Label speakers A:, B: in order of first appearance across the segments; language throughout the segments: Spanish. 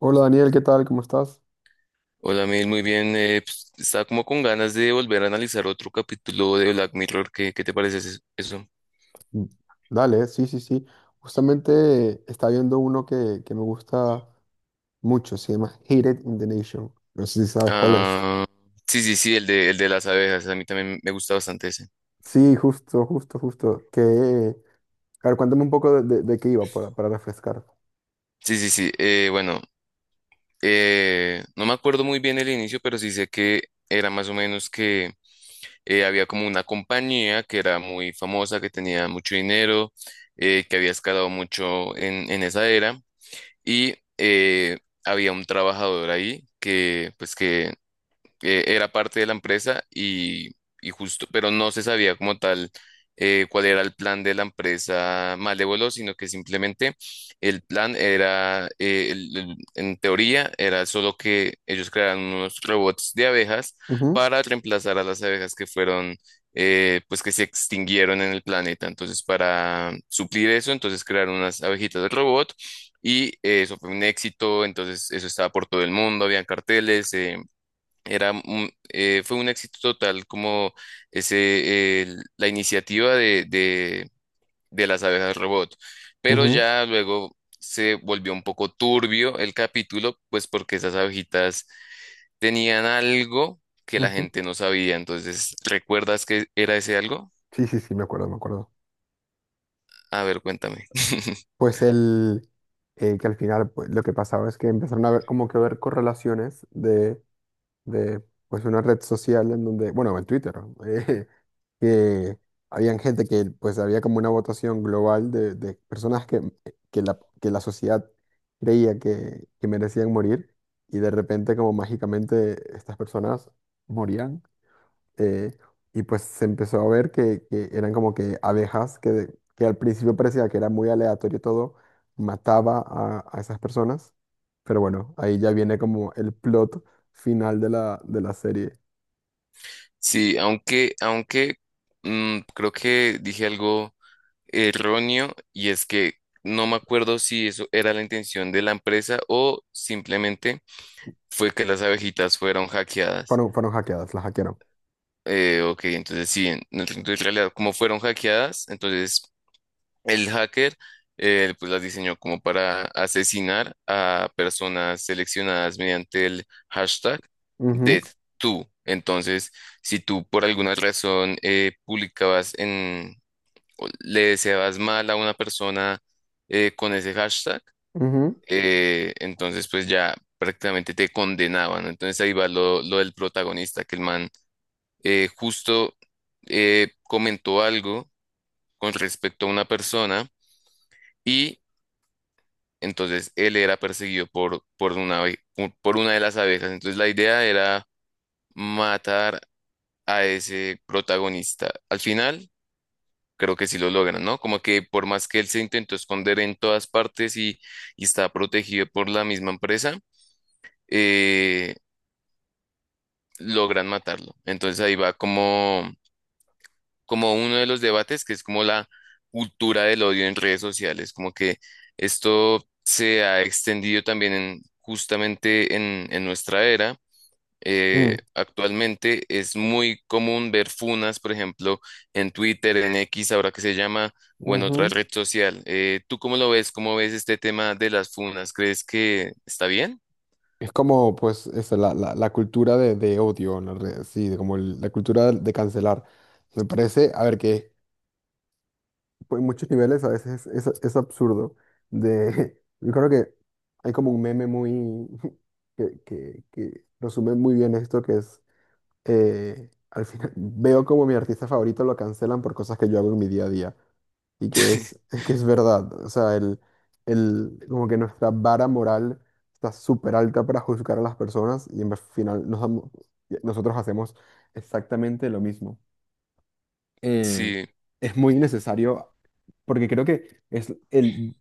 A: Hola Daniel, ¿qué tal? ¿Cómo estás?
B: Hola, Mil, muy bien. Estaba como con ganas de volver a analizar otro capítulo de Black Mirror. ¿Qué, qué te parece eso?
A: Mm. Dale, sí, sí, sí. Justamente está viendo uno que me gusta mucho, se llama Hated in the Nation. No sé si sabes cuál es.
B: Ah, sí, sí, sí, el de las abejas. A mí también me gusta bastante ese.
A: Sí, justo, justo, justo. A ver, cuéntame un poco de qué iba para refrescar.
B: Sí, sí, sí. Bueno, no me acuerdo muy bien el inicio, pero sí sé que era más o menos que había como una compañía que era muy famosa, que tenía mucho dinero, que había escalado mucho en esa era y, eh, había un trabajador ahí que, pues que era parte de la empresa y justo, pero no se sabía como tal cuál era el plan de la empresa Malévolo, sino que simplemente el plan era, en teoría, era solo que ellos crearan unos robots de abejas
A: Ujú,
B: para reemplazar a las abejas que fueron, pues que se extinguieron en el planeta. Entonces, para suplir eso, entonces crearon unas abejitas de robot. Y eso fue un éxito, entonces eso estaba por todo el mundo, habían carteles, fue un éxito total como ese, la iniciativa de las abejas robot. Pero
A: ujú,
B: ya luego se volvió un poco turbio el capítulo, pues porque esas abejitas tenían algo que la
A: ujú.
B: gente no sabía. Entonces, ¿recuerdas que era ese algo?
A: Sí, sí, sí, me acuerdo, me acuerdo.
B: A ver, cuéntame.
A: Pues que al final pues, lo que pasaba es que empezaron a ver como que ver correlaciones de pues una red social en donde, bueno, en Twitter, eh, que habían gente que pues había como una votación global de personas que la sociedad creía que merecían morir y de repente como mágicamente estas personas morían eh, y pues se empezó a ver que eran como que abejas que, de- que al principio parecía que era muy aleatorio todo, mataba a esas personas pero bueno, ahí ya viene como el plot final de de la serie.
B: Sí, aunque, aunque creo que dije algo erróneo, y es que no me acuerdo si eso era la intención de la empresa o simplemente fue que las abejitas fueron hackeadas.
A: Fueron, fueron hackeadas, las hackearon.
B: Ok, entonces sí, entonces, en realidad como fueron hackeadas, entonces el hacker pues las diseñó como para asesinar a personas seleccionadas mediante el hashtag
A: Ujú,
B: DeathTo. Entonces, si tú por alguna razón publicabas en o le deseabas mal a una persona con ese hashtag,
A: ujú,
B: entonces pues ya prácticamente te condenaban, ¿no? Entonces ahí va lo del protagonista, que el man justo comentó algo con respecto a una persona y entonces él era perseguido por una, por una de las abejas. Entonces la idea era matar a ese protagonista. Al final creo que sí lo logran, ¿no? Como que por más que él se intentó esconder en todas partes y está protegido por la misma empresa, eh, logran matarlo. Entonces ahí va como, como uno de los debates que es como la cultura del odio en redes sociales, como que esto se ha extendido también justamente en nuestra era.
A: mm,
B: Actualmente es muy común ver funas, por ejemplo, en Twitter, en X, ahora que se llama, o en otra
A: ujú.
B: red social. ¿Tú cómo lo ves? ¿Cómo ves este tema de las funas? ¿Crees que está bien?
A: Es como, pues, eso, la cultura de odio, en la red, sí, de como el- la cultura de cancelar. Me parece, a ver, que pues, en muchos niveles a veces es absurdo. De, yo creo que hay como un meme muy que resume muy bien esto, que es al final veo como mi artista favorito lo cancelan por cosas que yo hago en mi día a día. Y que es, es que es verdad. O sea, como que nuestra vara moral está súper alta para juzgar a las personas y en vez- al final nos damos- nosotros hacemos exactamente lo mismo. Eh,
B: Sí.
A: es muy innecesario porque creo que es el,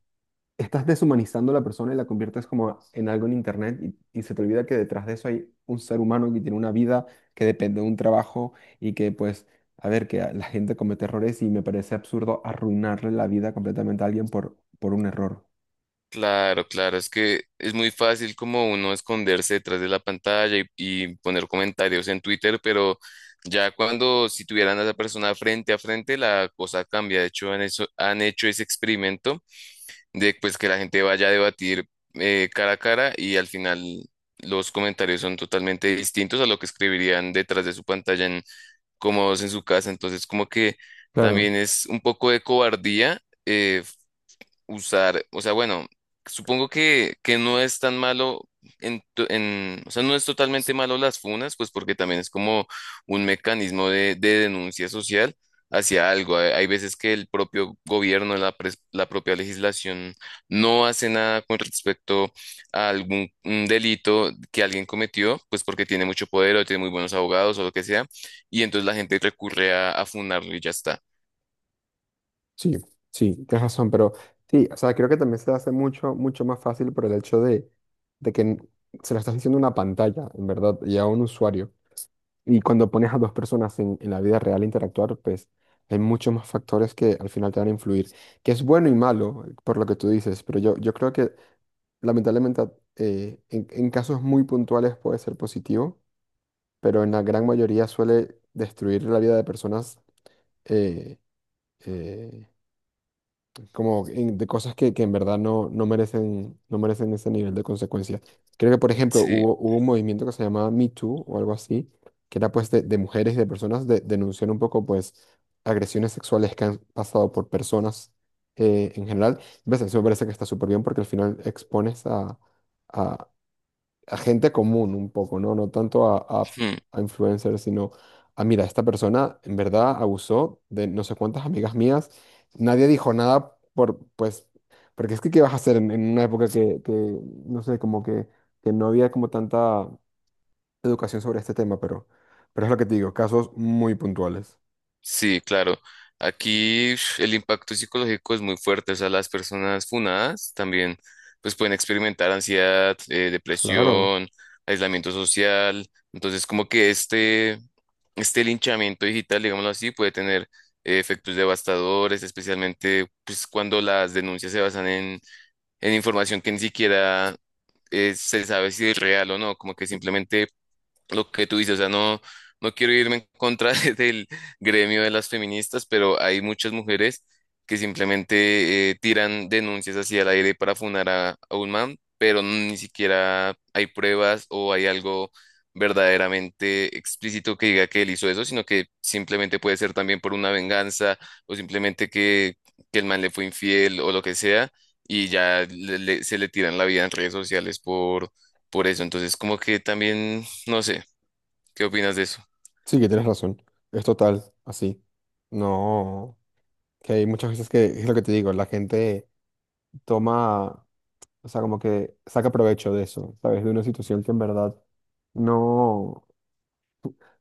A: estás deshumanizando a la persona y la conviertes como en algo en internet y se te olvida que detrás de eso hay un ser humano que tiene una vida, que depende de un trabajo y que pues, a ver, que la gente comete errores y me parece absurdo arruinarle la vida completamente a alguien por un error.
B: Claro, claro, es que es muy fácil como uno esconderse detrás de la pantalla y poner comentarios en Twitter, pero ya cuando si tuvieran a esa persona frente a frente, la cosa cambia. De hecho, han, han hecho ese experimento de pues, que la gente vaya a debatir cara a cara y al final los comentarios son totalmente distintos a lo que escribirían detrás de su pantalla, en cómodos en su casa. Entonces, como que
A: Claro,
B: también es un poco de cobardía. eh, Usar, o sea, bueno, supongo que no es tan malo o sea, no es
A: s-
B: totalmente malo las funas, pues porque también es como un mecanismo de denuncia social hacia algo. Hay veces que el propio gobierno, la, la propia legislación no hace nada con respecto a algún delito que alguien cometió, pues porque tiene mucho poder o tiene muy buenos abogados o lo que sea, y entonces la gente recurre a funarlo y ya está.
A: sí, sí, tienes razón, pero sí, o sea, creo que también se hace mucho, mucho más fácil por el hecho de que n- se lo estás diciendo a una pantalla, en verdad, y a un usuario. Y cuando pones a dos personas en la vida real a interactuar, pues hay muchos más factores que al final te van a influir, que es bueno y malo, por lo que tú dices, pero yo creo que lamentablemente a- en casos muy puntuales puede ser positivo, pero en la gran mayoría suele destruir la vida de personas eh, eh, como en- de cosas que en verdad no, no merecen, no merecen ese nivel de consecuencia. Creo que, por ejemplo,
B: Sí.
A: hubo, hubo un movimiento que se llamaba Me Too o algo así, que era pues de mujeres y de personas de, denunciar un poco pues agresiones sexuales que han pasado por personas en general. ¿Ves? Eso me parece que está súper bien porque al final expones a, a gente común un poco, ¿no? No tanto
B: Hmm.
A: a influencers, sino a, mira, esta persona en verdad abusó de no sé cuántas amigas mías. Nadie dijo nada por, pues, porque es que ¿qué vas a hacer en una época no sé, como que no había como tanta educación sobre este tema, pero es lo que te digo, casos muy puntuales.
B: Sí, claro. Aquí ush, el impacto psicológico es muy fuerte. O sea, las personas funadas también pues pueden experimentar ansiedad,
A: Claro.
B: depresión, aislamiento social. Entonces, como que este linchamiento digital, digámoslo así, puede tener efectos devastadores, especialmente pues cuando las denuncias se basan en información que ni siquiera se sabe si es real o no, como que simplemente lo que tú dices, o sea, no, no quiero irme en contra del gremio de las feministas, pero hay muchas mujeres que simplemente tiran denuncias hacia el aire para funar a un man, pero ni siquiera hay pruebas o hay algo verdaderamente explícito que diga que él hizo eso, sino que simplemente puede ser también por una venganza o simplemente que el man le fue infiel o lo que sea, y ya se le tiran la vida en redes sociales por eso. Entonces, como que también... no sé, ¿qué opinas de eso?
A: Sí, que tienes razón. Es total, así. No, que hay muchas veces que es lo que te digo, la gente toma. O sea, como que saca provecho de eso, ¿sabes? De una situación que en verdad no,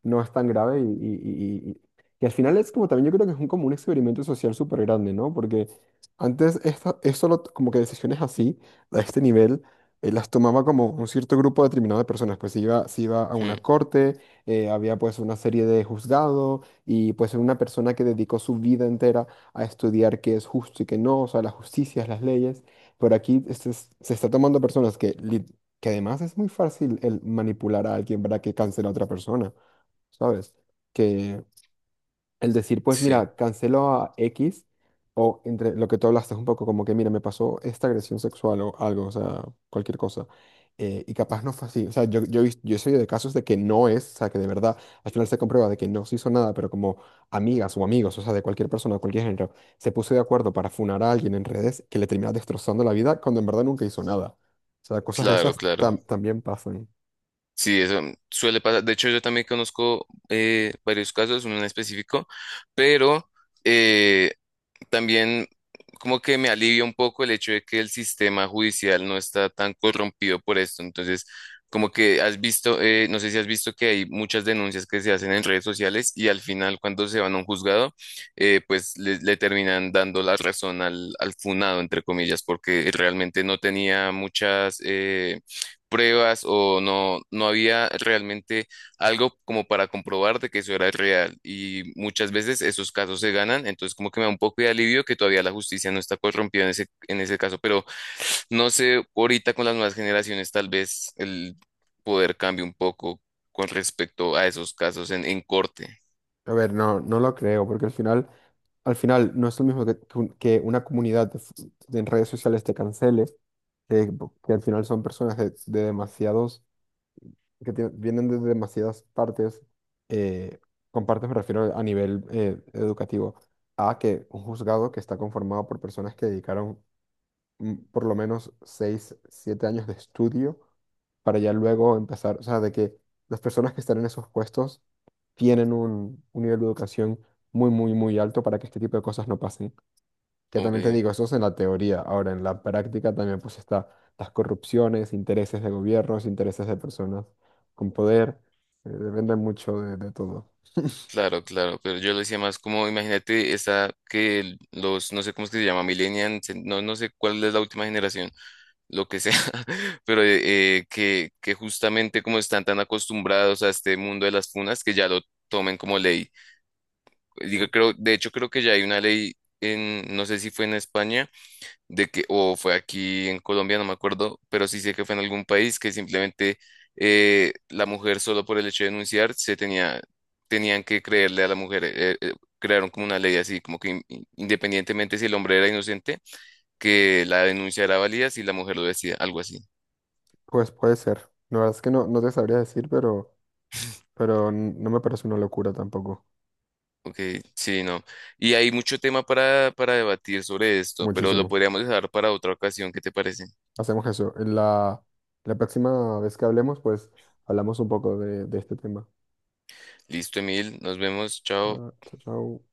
A: no es tan grave y al final es como también yo creo que es un, como un experimento social súper grande, ¿no? Porque antes esto, es solo t- como que decisiones así, a este nivel, las tomaba como un cierto grupo determinado de personas, pues se iba a una
B: Mm,
A: corte, había pues una serie de juzgados y pues una persona que dedicó su vida entera a estudiar qué es justo y qué no, o sea, las justicias, las leyes, pero aquí este es- se está tomando personas que... lit- que además es muy fácil el manipular a alguien para que cancele a otra persona. ¿Sabes? Que el decir, pues
B: sí,
A: mira, cancelo a X, o entre lo que tú hablaste un poco, como que mira, me pasó esta agresión sexual o algo, o sea, cualquier cosa. Y capaz no fue así, o sea, he vis- yo he sabido de casos de que no es, o sea, que de verdad, al final se comprueba de que no se hizo nada, pero como amigas o amigos, o sea, de cualquier persona, de cualquier género, se puso de acuerdo para funar a alguien en redes que le termina destrozando la vida cuando en verdad nunca hizo nada. O sea, cosas de
B: claro,
A: esas
B: claro.
A: tam- también pasan.
B: Sí, eso suele pasar. De hecho, yo también conozco varios casos, uno en específico, pero eh, también como que me alivia un poco el hecho de que el sistema judicial no está tan corrompido por esto. Entonces, como que has visto, no sé si has visto que hay muchas denuncias que se hacen en redes sociales y al final cuando se van a un juzgado, pues le terminan dando la razón al, al funado, entre comillas, porque realmente no tenía muchas pruebas o no, no había realmente algo como para comprobar de que eso era real. Y muchas veces esos casos se ganan, entonces como que me da un poco de alivio que todavía la justicia no está corrompida en ese caso, pero no sé, ahorita con las nuevas generaciones tal vez el poder cambie un poco con respecto a esos casos en corte.
A: A ver, no, no lo creo, porque al final no es lo mismo que un- que una comunidad de, f- de en redes sociales te cancele, po- que al final son personas de demasiados, que tie- vienen de demasiadas partes, eh, con partes me refiero a nivel educativo, a que un juzgado que está conformado por personas que dedicaron por lo menos 6 7 años de estudio para ya luego empezar, o sea, de que las personas que están en esos puestos tienen un nivel de educación muy, muy, muy alto para que este tipo de cosas no pasen. Que
B: Ok,
A: también te digo, eso es en la teoría. Ahora, en la práctica también pues está las corrupciones, intereses de gobiernos, intereses de personas con poder. Depende mucho de todo.
B: claro, claro, pero yo lo decía más como, imagínate esa que los, no sé cómo es que se llama, millennials, no, no sé cuál es la última generación, lo que sea, pero que justamente como están tan acostumbrados a este mundo de las funas, que ya lo tomen como ley. Digo, creo, de hecho, creo que ya hay una ley en, no sé si fue en España, de que, o fue aquí en Colombia, no me acuerdo, pero sí sé que fue en algún país que simplemente la mujer solo por el hecho de denunciar se tenía, tenían que creerle a la mujer. Crearon como una ley así, como que independientemente si el hombre era inocente, que la denuncia era válida si la mujer lo decía, algo así.
A: Pues puede ser. La verdad es que no, no te sabría decir, pero n- no me parece una locura tampoco.
B: Ok, sí, no. Y hay mucho tema para debatir sobre esto, pero lo
A: Muchísimo.
B: podríamos dejar para otra ocasión. ¿Qué te parece?
A: Hacemos eso. En la próxima vez que hablemos, pues hablamos un poco de este tema.
B: Listo, Emil. Nos vemos.
A: Ah,
B: Chao.
A: chao, chao.